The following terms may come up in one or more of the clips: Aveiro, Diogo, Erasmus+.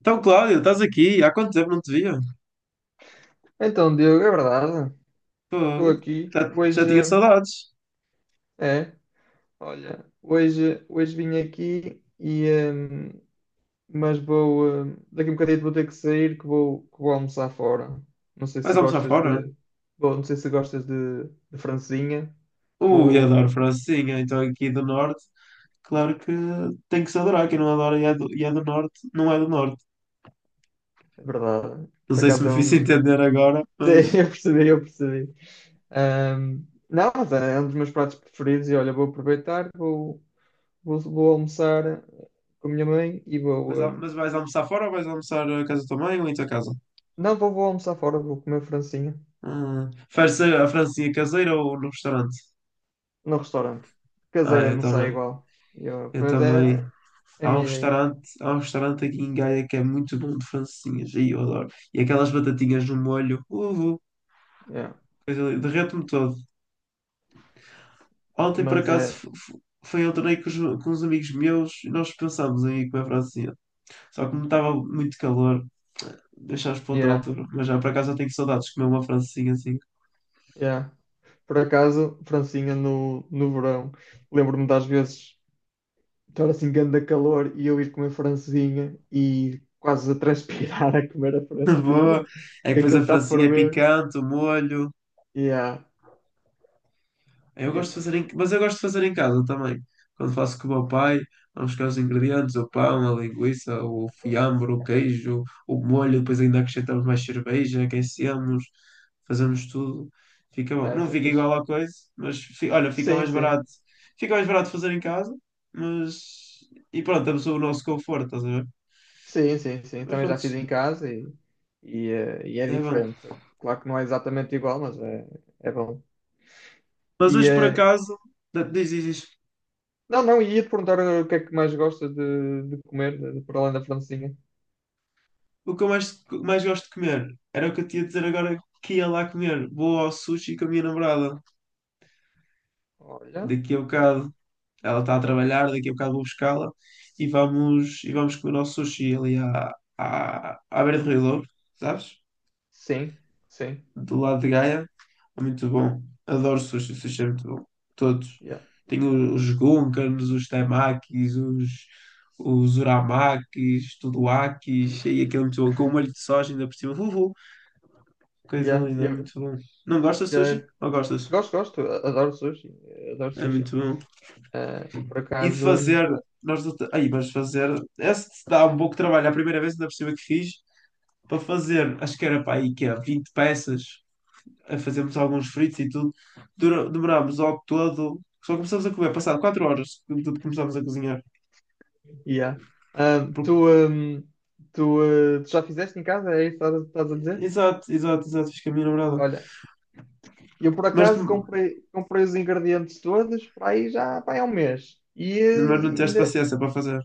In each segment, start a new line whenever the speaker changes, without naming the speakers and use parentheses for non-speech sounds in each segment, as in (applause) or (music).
Então, Cláudio, estás aqui? Há quanto tempo não te via?
Então, Diogo, é verdade. Estou
Fogo.
aqui.
Já
Hoje
tinha saudades.
é, olha, hoje vim aqui e hum, mas vou daqui a um bocadinho vou ter que sair que vou almoçar fora. Não sei se
Vais almoçar
gostas
fora?
de bom, não sei se gostas de francesinha.
Ui,
Vou,
adoro francesinha. Então, aqui do Norte, claro que tem que se adorar. Quem não adora e é do Norte, não é do Norte.
é verdade.
Não
Por
sei se
acaso
me
é
fiz
um.
entender agora,
(laughs) Sim,
mas,
eu percebi, eu percebi. Não, mas é um dos meus pratos preferidos e olha, vou aproveitar, vou almoçar com a minha mãe e vou.
mas, al- mas vais almoçar fora ou vais almoçar a casa também ou em tua casa?
Não, vou almoçar fora, vou comer francinha
Prefere ser a francesinha caseira ou no restaurante?
no restaurante.
Ah,
Caseira
eu
não sai
também.
igual. Eu,
Eu
pois
também.
é a
Há um
minha ideia.
restaurante, há um restaurante aqui em Gaia que é muito bom de francesinhas, e eu adoro. E aquelas batatinhas no molho,
Yeah.
coisa linda, derreto-me todo. Ontem, por
Mas
acaso,
é,
foi ao torneio com uns amigos meus e nós pensámos em ir comer francesinha. Só que como estava muito calor, deixámos para outra
yeah,
altura. Mas já, por acaso, eu tenho saudades de comer uma francesinha assim.
yeah. Por acaso, francinha no verão. Lembro-me das vezes estar assim, grande calor e eu ir comer francesinha e quase a transpirar (laughs) a comer a
(laughs)
francesinha.
Boa! É que
Que
depois
Aquilo
a
está a
francesinha é
ferver.
picante, o molho.
Yeah,
Eu
yeah.
gosto de fazer em... Mas eu gosto de fazer em casa também. Quando faço com o meu pai, vamos buscar os ingredientes, o pão, a linguiça, o fiambre, o queijo, o molho, depois ainda acrescentamos mais cerveja, aquecemos, fazemos tudo. Fica bom.
Yeah,
Não
isso é
fica
fixe.
igual à coisa, mas olha, fica
Sim,
mais
sim.
barato. Fica mais barato fazer em casa, mas. E pronto, temos o nosso conforto, estás a ver?
Sim, sim, sim.
Mas
Também já
pronto,
fiz em casa e é
é bom.
diferente. Claro que não é exatamente igual, mas é bom.
Mas
E,
hoje por
eh,
acaso, diz, diz, diz.
não, não, e ia-te perguntar o que é que mais gostas de comer, por além da francesinha.
O que eu mais gosto de comer. Era o que eu tinha de dizer agora que ia lá comer. Vou ao sushi com a minha namorada.
Olha,
Daqui a bocado ela está a trabalhar, daqui a bocado vou buscá-la e vamos, comer ao sushi ali à beira do Rio Douro, sabes?
sim, sim.
Do lado de Gaia. É muito bom. Adoro sushi, sushi é muito bom. Todos.
Yeah,
Tenho os gunkans, os temakis, os uramakis, tudoakis, e aquele é muito bom, com o molho de soja ainda por cima. Uhul. Coisa
yeah,
linda, é
yeah,
muito bom. Não gostas de
yeah.
sushi? Ou gostas?
Gosto, gosto. Adoro sushi. Adoro
É
sushi.
muito bom.
Por
E de
acaso,
fazer, nós não te- aí, mas fazer, esse dá um pouco de trabalho. A primeira vez ainda por cima que fiz, para fazer, acho que era para aí que é 20 peças, a fazermos alguns fritos e tudo, demorámos ao todo, só começámos a comer, passado 4 horas, de tudo começámos a cozinhar.
yeah. Ah, tu,
Porque-
hum, tu, eh, tu já fizeste em casa? É isso que estás a dizer?
Exato, exato, exato, fiz com a minha namorada.
Olha, e eu, por
Mas,
acaso, comprei os ingredientes todos para aí já vai há um mês.
mas não tiveste
Ainda,
paciência para fazer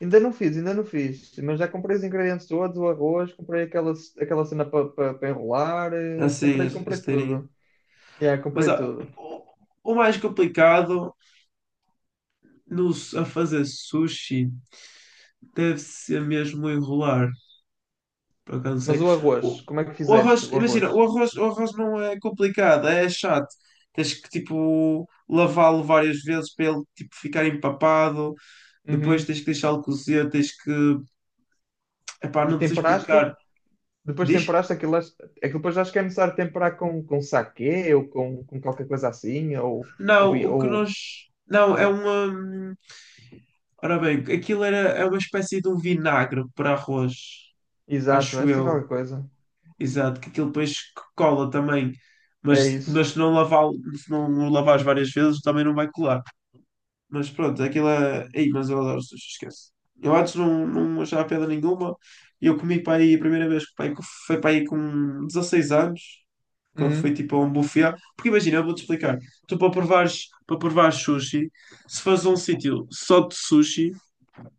ainda não fiz, ainda não fiz. Mas já comprei os ingredientes todos, o arroz, comprei aquela cena para enrolar,
assim, a
comprei,
a
comprei
esteirinha.
tudo. Yeah,
Mas
comprei tudo.
o mais complicado. Não, a fazer sushi deve ser mesmo enrolar, por acaso não
Mas
sei.
o arroz,
O,
como é que
o
fizeste
arroz,
o
imagina, o
arroz?
arroz, o arroz não é complicado, é chato. Tens que tipo lavá-lo várias vezes para ele tipo, ficar empapado, depois
Uhum.
tens que deixá-lo cozer, tens que. Epá,
E
não te sei
temperaste?
explicar.
Depois
Diz?
temperaste aquilo, aquilo depois acho que é necessário temperar com saquê ou com qualquer coisa assim, ou,
Não, o que
ou
nós. Não, é uma. Ora bem, aquilo era, é uma espécie de um vinagre para arroz,
exato, é
acho
assim
eu.
qualquer coisa.
Exato, que aquilo depois cola também.
É
Mas,
isso.
mas se não lavar, se não o lavares várias vezes, também não vai colar. Mas pronto, aquilo é. Ei, mas eu adoro sushi, esquece. Eu antes não achava pedra nenhuma. Eu comi para aí, a primeira vez que foi para aí com 16 anos, quando fui tipo a um buffet. Porque imagina, eu vou-te explicar. Tu para provares sushi, se fazes um sítio só de sushi,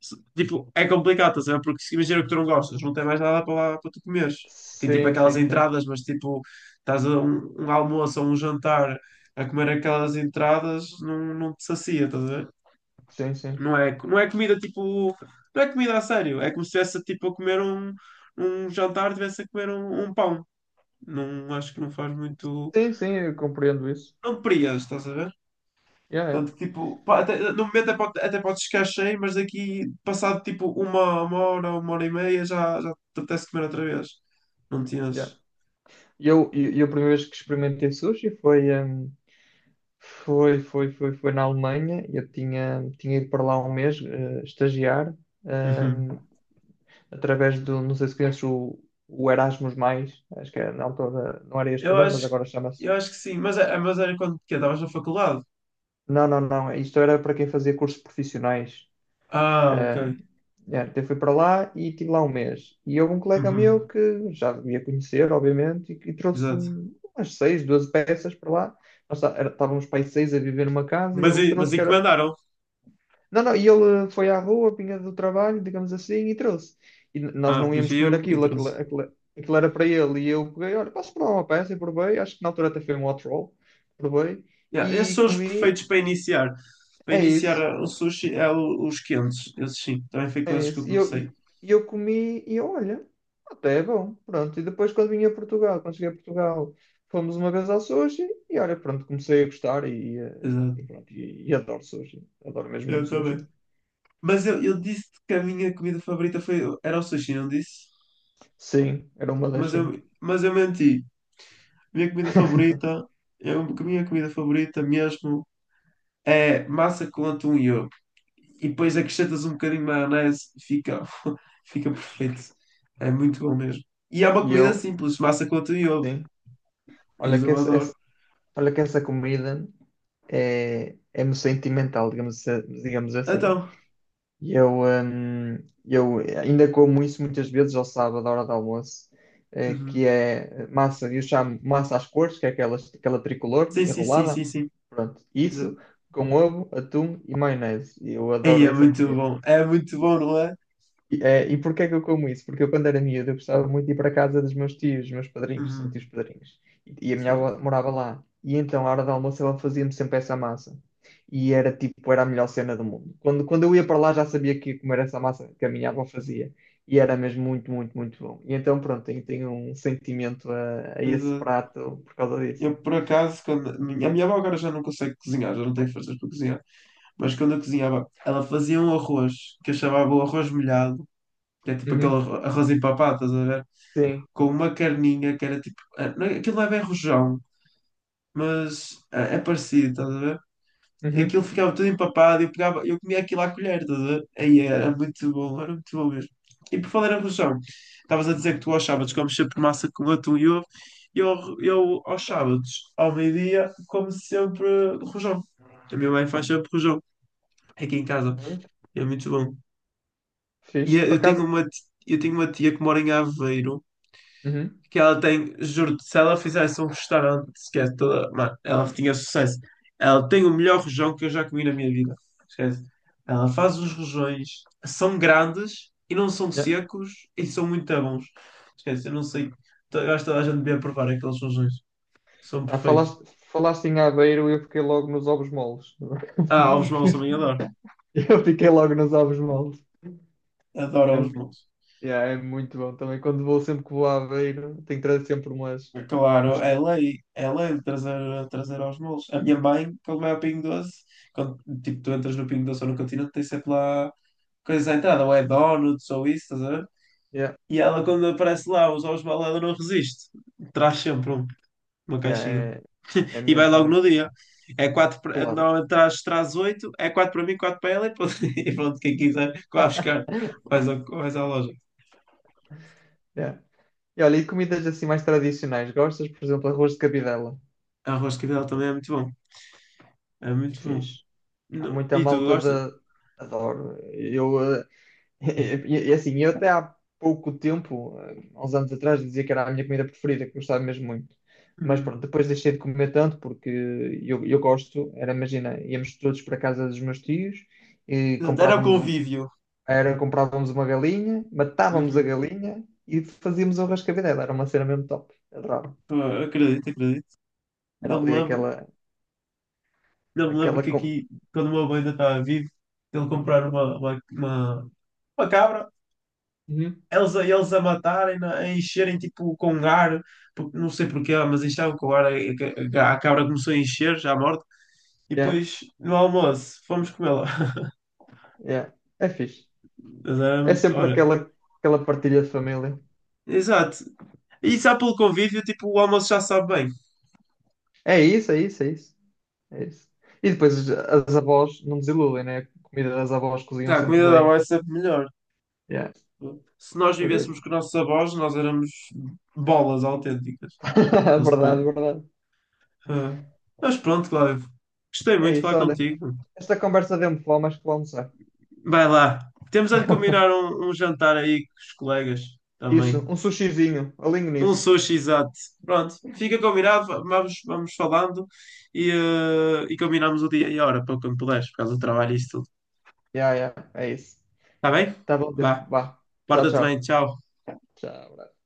tipo, é complicado, estás a ver? Porque se imagina que tu não gostas, não tem mais nada para lá para tu comeres. Tem tipo
Sim,
aquelas
sim, sim.
entradas, mas tipo, estás a um almoço ou um jantar a comer aquelas entradas, não te sacia, estás a ver?
Sim, sim.
Não é comida tipo. Não é comida a sério. É como se estivesse tipo, a comer um jantar, estivesse a comer um pão. Não acho que não faz muito.
Sim, sim, eu compreendo isso.
Não te prias, estás a ver?
Yeah, yeah,
Portanto, tipo, pá, no momento até pode ficar cheio, mas daqui, passado tipo uma hora, uma hora e meia, já te apetece comer outra vez. Não te
yeah.
enches.
E eu, a primeira vez que experimentei sushi foi, foi na Alemanha. Eu tinha ido para lá um mês, estagiar,
Uhum.
hum, através do, não sei se conheces o Erasmus+, Mais, acho que era na altura, não era este o
Eu
nome, mas
acho,
agora chama-se.
eu acho que sim, mas, mas era quando que estavas na faculdade.
Não, não, não. Isto era para quem fazia cursos profissionais.
Ah, ok.
Ah, é, até fui para lá e estive lá um mês. E houve um colega meu
Uhum.
que já devia conhecer, obviamente, e trouxe
Exato.
umas seis, 12 peças para lá. Nós estávamos para aí seis a viver numa casa e
Mas,
ele
e- mas
trouxe que era.
encomendaram.
Não, não, e ele foi à rua, vinha do trabalho, digamos assim, e trouxe. E nós
Ah,
não íamos comer
viu e
aquilo, aquilo,
trouxe.
aquilo, aquilo era para ele. E eu peguei, olha, posso provar uma peça e provei. Acho que na altura até foi um hot roll, provei
Yeah, esses
e
são os perfeitos
comi.
para iniciar. Para
É
iniciar
isso.
o sushi, os quentes. Esses sim, também foi
É
com esses que eu
esse. E eu,
comecei.
e eu comi e eu, olha, até é bom. Pronto. E depois quando vim a Portugal, quando cheguei a Portugal, fomos uma vez ao sushi e olha, pronto, comecei a gostar e
Exato.
pronto, e adoro sushi. Adoro mesmo
Eu
muito sushi.
também. Mas eu disse que a minha comida favorita foi, era o sushi, não disse?
Sim, era uma das
Mas
sim.
eu, mas eu menti. Minha comida
(laughs)
favorita, eu, a minha comida favorita mesmo é massa com atum e ovo. E depois acrescentas um bocadinho de maionese, fica, (laughs) fica perfeito. É muito bom mesmo. E é uma
E
comida
eu,
simples, massa com atum e ovo.
sim, olha
Isso
que
eu
essa,
adoro.
olha que essa comida é-me sentimental, digamos assim.
Então,
E eu ainda como isso muitas vezes ao sábado, à hora do almoço, que
uhum.
é massa, eu chamo massa às cores, que é aquela tricolor
Sim, sim, sim, sim,
enrolada.
sim.
Pronto,
Exato.
isso com ovo, atum e maionese. Eu
Aí
adoro essa comida.
é muito bom, não é?
E porquê que eu como isso? Porque eu, quando era miúdo, eu gostava muito de ir para a casa dos meus tios, dos meus padrinhos, são tios
Uhum,
padrinhos. E a minha avó
certo.
morava lá. E então, à hora do almoço, ela fazia-me sempre essa massa. E era tipo, era a melhor cena do mundo. Quando eu ia para lá, já sabia que ia comer essa massa que a minha avó fazia. E era mesmo muito, muito, muito bom. E então, pronto, tenho um sentimento a
Mas
esse prato por causa disso.
eu, por acaso, quando. A minha avó agora já não consegue cozinhar, já não tem forças para cozinhar. Mas quando eu cozinhava, ela fazia um arroz, que eu chamava o arroz molhado, que é tipo aquele
Uhum.
arroz empapado, estás a ver?
Sim.
Com uma carninha que era tipo. Aquilo não é bem rojão, mas é parecido, estás a ver? Aquilo
Uhum.
ficava tudo empapado, eu pegava, eu comia aquilo à colher, estás a ver? Aí era muito bom mesmo. E por falar em rojão, estavas a dizer que tu aos sábados comes sempre massa com atum e ovo, e eu aos sábados, ao meio-dia, como sempre rojão. A minha mãe faz sempre rojão, aqui em casa,
Olha,
é muito bom. E
fixe.
eu
Por
eu tenho
acaso.
uma tia que mora em Aveiro,
Uhum.
que ela tem, juro-te, se ela fizesse um restaurante, esquece toda, mano, ela tinha sucesso. Ela tem o melhor rojão que eu já comi na minha vida. Esquece. Ela faz os rojões, são grandes e não são
Yeah.
secos e são muito bons. Esquece, eu não sei. Eu acho que toda a gente devia provar aqueles rojões. São
Ah,
perfeitos.
falaste em Aveiro e eu fiquei logo nos ovos moles.
Ah, ovos maus também adoro.
(laughs) Eu fiquei logo nos ovos moles.
Adoro
É,
ovos maus.
yeah, é muito bom também. Quando vou, sempre que vou a Aveiro, tenho que trazer sempre umas.
É claro,
uns
é
tem-
lei, é lei de trazer aos molos. A minha mãe, quando vai ao Pingo Doce, quando tipo, tu entras no Pingo Doce ou no Continente, tem sempre lá coisas à entrada, ou é donuts ou isso, estás a ver?
Yeah,
E ela, quando aparece lá, os ovos balada não resiste, traz sempre um, uma
yeah,
caixinha.
é
E vai
mesmo
logo no
muito bom.
dia.
Claro.
Normalmente traz 8, é 4 para mim, 4 para ela e pronto, (laughs) e pronto, quem quiser, que vá buscar, vais à loja.
Yeah. E olha, e comidas assim mais tradicionais? Gostas, por exemplo, arroz de cabidela?
Arroz de cabidela também é muito bom, é muito bom.
Fiz. Há muita
E tu
malta
gostas?
da. Adoro. Eu (laughs) E assim, eu até há pouco tempo, há uns anos atrás, dizia que era a minha comida preferida, que gostava mesmo muito. Mas
Uhum.
pronto, depois deixei de comer tanto porque eu gosto, era, imagina, íamos todos para a casa dos meus tios e
Exato, era o
comprávamos, um,
convívio.
era, comprávamos uma galinha, matávamos a
Uhum.
galinha e fazíamos o rascavé era uma cena mesmo top, adorava.
Pô, acredito, acredito.
Era
Não me
ali
lembro,
aquela,
não me lembro
aquela...
que
com-
aqui, quando o meu avô ainda estava vivo, ele comprar uma cabra,
Uhum.
eles a matarem, a encherem tipo com ar, porque não sei porquê, mas enchavam com ar, a cabra começou a encher, já morta, e
Yeah,
depois no almoço fomos comê-la. (laughs)
yeah. É fixe.
Mas era
É
muito,
sempre
olha,
aquela, aquela partilha de família.
exato. E só pelo convívio, tipo, o almoço já sabe bem.
É isso, é isso, é isso. É isso. E depois as avós não desiludem, né? A comida das avós cozinham
Já, a
sempre
comida da
bem.
avó é sempre melhor.
Yeah,
Se nós
por
vivêssemos
isso.
com nossos avós, nós éramos bolas autênticas.
(laughs)
Eles
Verdade,
depois.
verdade.
ah. Mas pronto, Cláudio, gostei
É
muito de
isso,
falar
olha.
contigo.
Esta conversa deu-me fome, acho que vou almoçar.
Vai lá. Temos a de combinar um jantar aí com os colegas
Isso,
também.
um sushizinho, alinho
Um
nisso.
sushi, exato. Pronto, fica combinado. Vamos falando e combinamos o dia e a hora para quando puderes, por causa do trabalho e isso tudo.
Yeah, yeah, é isso.
Está bem?
Tá bom, Pedro,
Vá.
vá. Tchau,
Porta-te bem,
tchau.
tchau.
Tchau.